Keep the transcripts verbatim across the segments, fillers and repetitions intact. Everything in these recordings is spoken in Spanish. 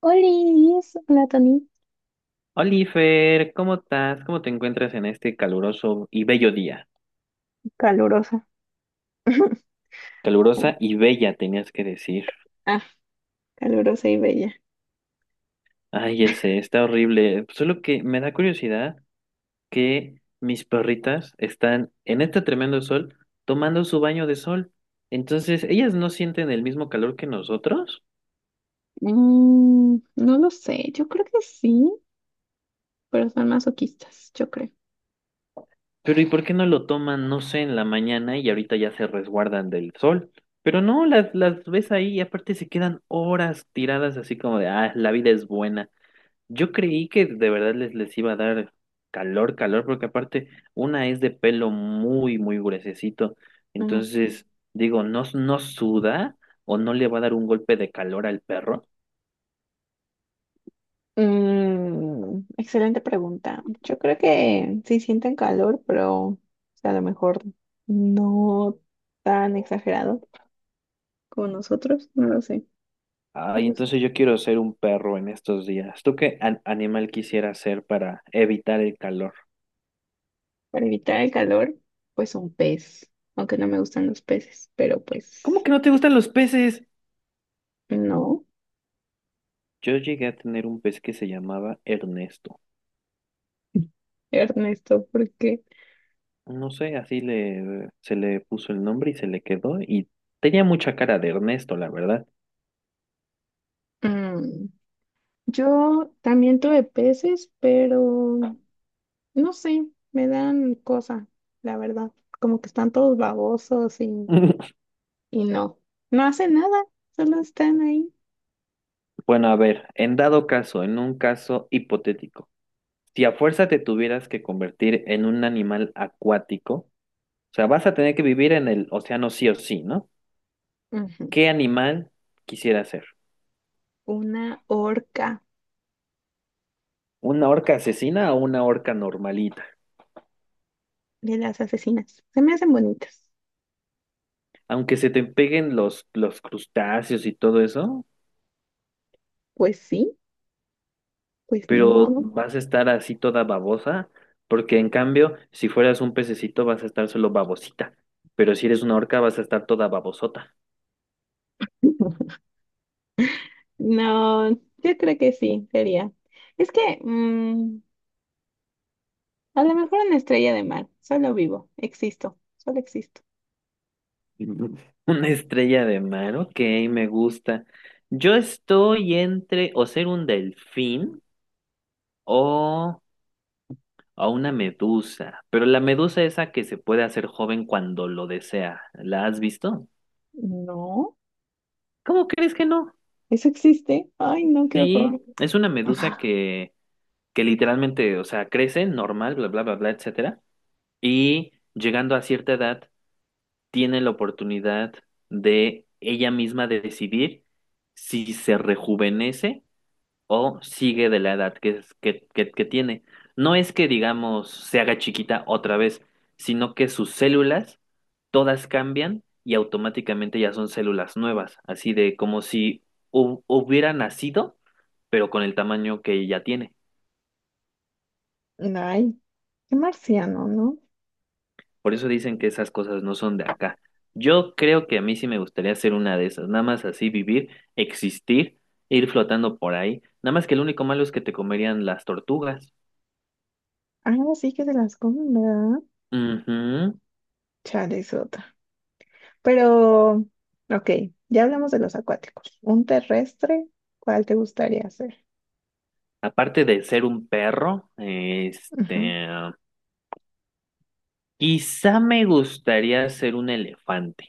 Olis, hola Tony, Oliver, ¿cómo estás? ¿Cómo te encuentras en este caluroso y bello día? calurosa. Calurosa y bella, tenías que decir. Ah, calurosa y bella. Ay, ese está horrible. Solo que me da curiosidad que mis perritas están en este tremendo sol tomando su baño de sol. Entonces, ellas no sienten el mismo calor que nosotros. Mm, no lo sé, yo creo que sí, pero son masoquistas, yo creo. Pero ¿y por qué no lo toman, no sé, en la mañana y ahorita ya se resguardan del sol? Pero no, las, las ves ahí y aparte se quedan horas tiradas así como de, ah, la vida es buena. Yo creí que de verdad les, les iba a dar calor, calor, porque aparte una es de pelo muy, muy gruesecito. No. Entonces, digo, no, no suda o no le va a dar un golpe de calor al perro. Mm, excelente pregunta. Yo creo que sí sienten calor, pero o sea, a lo mejor no tan exagerado como nosotros, no lo sé. No Ay, lo sé. entonces yo quiero ser un perro en estos días. ¿Tú qué an- animal quisiera ser para evitar el calor? Para evitar el calor, pues un pez, aunque no me gustan los peces, pero ¿Cómo pues que no te gustan los peces? no. Yo llegué a tener un pez que se llamaba Ernesto. Ernesto, porque No sé, así le, se le puso el nombre y se le quedó y tenía mucha cara de Ernesto, la verdad. mm, yo también tuve peces, pero no sé, me dan cosa, la verdad, como que están todos babosos y, y no, no hacen nada, solo están ahí. Bueno, a ver, en dado caso, en un caso hipotético, si a fuerza te tuvieras que convertir en un animal acuático, o sea, vas a tener que vivir en el océano sí o sí, ¿no? Ujú. ¿Qué animal quisieras ser? Una orca ¿Una orca asesina o una orca normalita? de las asesinas, se me hacen bonitas. Aunque se te peguen los, los crustáceos y todo eso, Pues sí, pues ni pero modo. vas a estar así toda babosa, porque en cambio, si fueras un pececito vas a estar solo babosita, pero si eres una orca vas a estar toda babosota. No, yo creo que sí, sería. Es que mm, a lo mejor una estrella de mar, solo vivo, existo, solo existo. Una estrella de mar, ok, me gusta. Yo estoy entre o ser un delfín o, o una medusa, pero la medusa esa que se puede hacer joven cuando lo desea, ¿la has visto? No, ¿Cómo crees que no? eso existe. Ay, no, qué horror. Sí, es una medusa Ajá. que, que literalmente, o sea, crece normal, bla, bla, bla, bla, etcétera, y llegando a cierta edad tiene la oportunidad de ella misma de decidir si se rejuvenece o sigue de la edad que, es- que, que, que tiene. No es que, digamos, se haga chiquita otra vez, sino que sus células todas cambian y automáticamente ya son células nuevas, así de como si hu- hubiera nacido, pero con el tamaño que ya tiene. Ay, qué marciano, ¿no? Por eso dicen que esas cosas no son de acá. Yo creo que a mí sí me gustaría ser una de esas, nada más así vivir, existir, ir flotando por ahí. Nada más que el único malo es que te comerían las tortugas. Ahora sí que se las comen, ¿verdad? Ujú. Chale, es otra. Pero, ok, ya hablamos de los acuáticos. Un terrestre, ¿cuál te gustaría hacer? Aparte de ser un perro, Ujú. este, quizá me gustaría ser un elefante,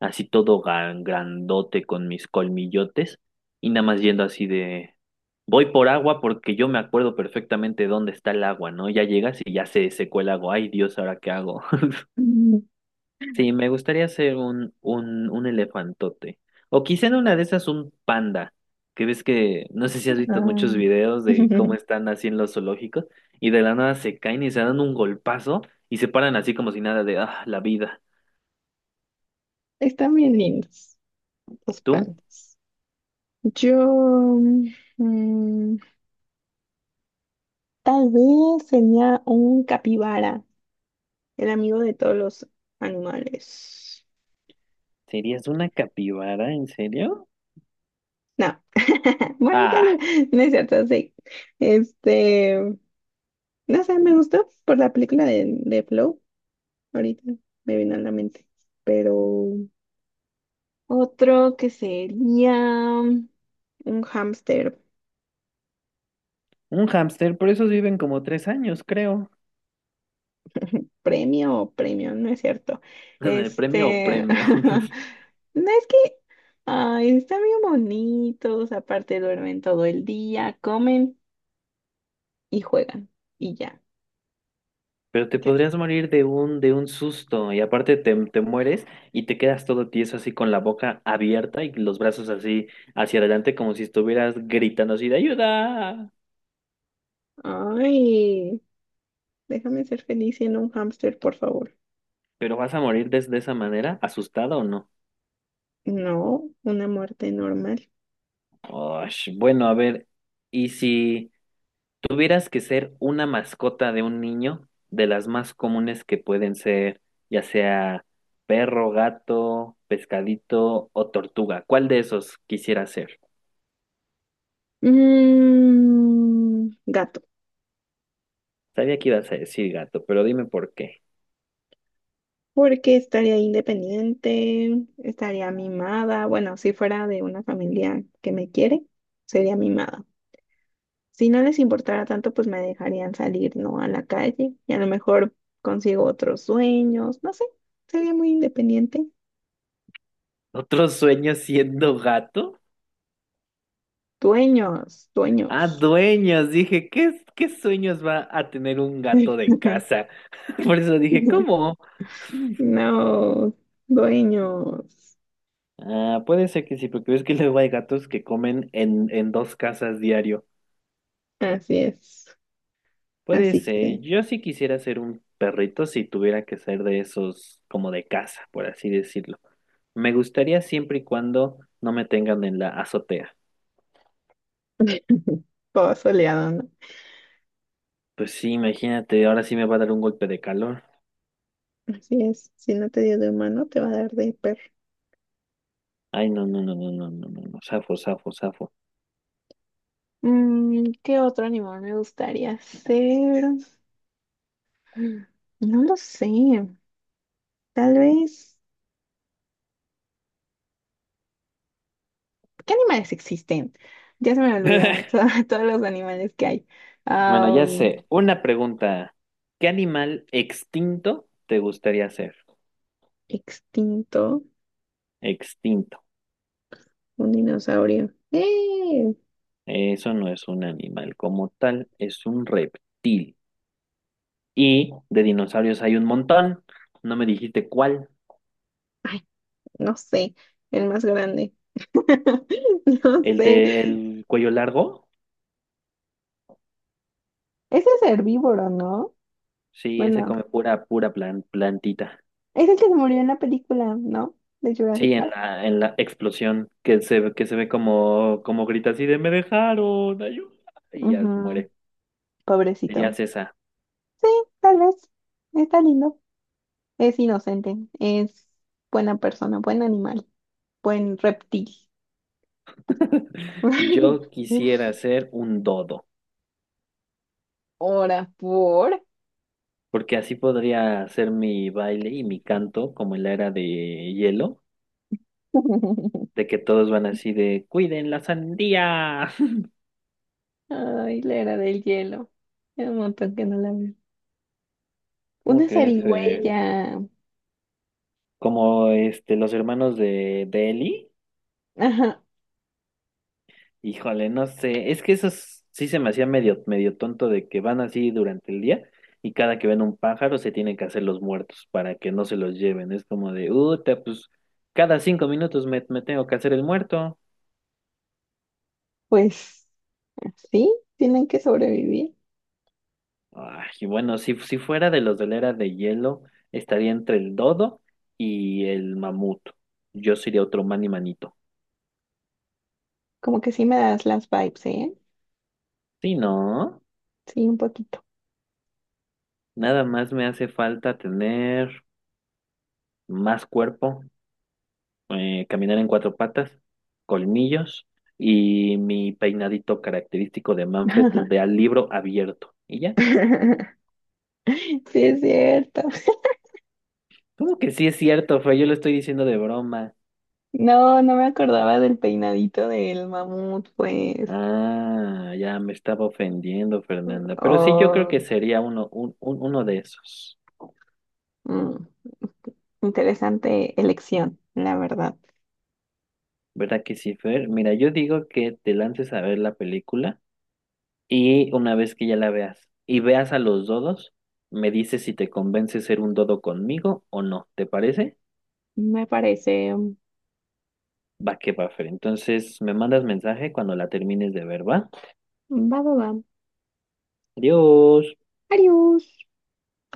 así todo gan- grandote con mis colmillotes y nada más yendo así de, voy por agua porque yo me acuerdo perfectamente dónde está el agua, ¿no? Ya llegas y ya se secó el agua, ay Dios, ¿ahora qué hago? Mm, Sí, me gustaría ser un, un, un elefantote. O quizá en una de esas un panda. Que ves que, no sé si has visto ah, muchos videos de cómo están así en los zoológicos y de la nada se caen y se dan un golpazo y se paran así como si nada de, ah, la vida. están bien lindos los ¿Tú? pandas. Yo, mm, Tal vez sería un capibara, el amigo de todos los animales. ¿Serías una capibara, en serio? No, bueno, tal Ah, vez, no es cierto, sí. Este, no sé, me gustó por la película de, de Flow, ahorita me vino a la mente, pero otro que sería un hámster un hámster, por esos viven como tres años, creo. premio o premio, no es cierto. ¿Premio o Este, premio? no es que, ay, están bien bonitos, aparte duermen todo el día, comen y juegan, y ya. Pero te ¿Qué? podrías morir de un, de un susto y aparte te, te mueres y te quedas todo tieso así con la boca abierta y los brazos así hacia adelante como si estuvieras gritando así de ayuda. Ay. Déjame ser feliz siendo un hámster, por favor. Pero vas a morir de, de esa manera, asustado o no. No, una muerte normal. Osh, bueno, a ver, ¿y si tuvieras que ser una mascota de un niño, de las más comunes que pueden ser, ya sea perro, gato, pescadito o tortuga, ¿cuál de esos quisieras ser? Mm, gato. Sabía que ibas a decir gato, pero dime por qué. Porque estaría independiente, estaría mimada. Bueno, si fuera de una familia que me quiere, sería mimada. Si no les importara tanto, pues me dejarían salir, ¿no? A la calle y a lo mejor consigo otros sueños. No sé, sería muy independiente. ¿Otro sueño siendo gato? Dueños, Ah, dueños. dueños. Dije, ¿qué, qué sueños va a tener un gato de casa? Por eso dije, ¿cómo? No, dueños. Ah, puede ser que sí, porque ves que luego hay gatos que comen en, en dos casas diario. Así es. Puede Así ser. que Yo sí quisiera ser un perrito si tuviera que ser de esos como de casa, por así decirlo. Me gustaría siempre y cuando no me tengan en la azotea. todo soleado, ¿no? Pues sí, imagínate, ahora sí me va a dar un golpe de calor. Así es. Si no te dio de humano, te va a dar de perro. Ay, no, no, no, no, no, no, no, no. Safo, safo, safo. Mm, ¿qué otro animal me gustaría ser? Mm, No lo sé. Tal vez. ¿Qué animales existen? Ya se me olvidaron to- todos los animales que hay. Bueno, ya Am, sé. Una pregunta. ¿Qué animal extinto te gustaría ser? extinto, Extinto. un dinosaurio. ¡Eh! Eso no es un animal como tal, es un reptil. Y de dinosaurios hay un montón. No me dijiste cuál. Ay, no sé. El más grande. No ¿El sé. del cuello largo? Ese es herbívoro, ¿no? Sí, ese Bueno. come pura, pura plan- plantita. Es el que se murió en la película, ¿no? De Jurassic Sí, en Park. la, en la explosión que se, que se ve como, como grita así de me dejaron, ayuda. Y ya Ujú, muere. pobrecito. Serías esa. Sí, tal vez. Está lindo. Es inocente. Es buena persona, buen animal, buen reptil. Yo quisiera ser un dodo, Ahora por. porque así podría hacer mi baile y mi canto como en la era de hielo, de que todos van así de cuiden la sandía. Ay, la era del hielo. Hace un montón que no la veo. ¿Cómo Una crees? ¿Eh? zarigüeya. Como este los hermanos de, de Ellie. Ajá, Híjole, no sé, es que eso es- sí se me hacía medio, medio tonto de que van así durante el día y cada que ven un pájaro se tienen que hacer los muertos para que no se los lleven. Es como de, uta, pues cada cinco minutos me, me tengo que hacer el muerto. pues sí, tienen que sobrevivir. Ay, y bueno, si, si fuera de los de la era de hielo, estaría entre el dodo y el mamut. Yo sería otro mani manito. Como que sí me das las vibes, ¿eh? Sí, no, Sí, un poquito. nada más me hace falta tener más cuerpo eh, caminar en cuatro patas, colmillos y mi peinadito característico de Manfred de al libro abierto. ¿Y ya? Sí, es cierto. ¿Cómo que sí es cierto, Fue Yo lo estoy diciendo de broma. No, no me acordaba del peinadito del mamut, pues. Ah, ya me estaba ofendiendo, Fernanda. Pero sí, yo creo Oh, que sería uno, un- un- uno de esos. mm, Interesante elección, la verdad. ¿Verdad que sí, Fer? Mira, yo digo que te lances a ver la película y una vez que ya la veas y veas a los dodos, me dices si te convence ser un dodo conmigo o no. ¿Te parece? Me parece. mm, Va que va, Fer. Entonces me mandas mensaje cuando la termines de ver, ¿va? Va, va, va. Adiós. Adiós.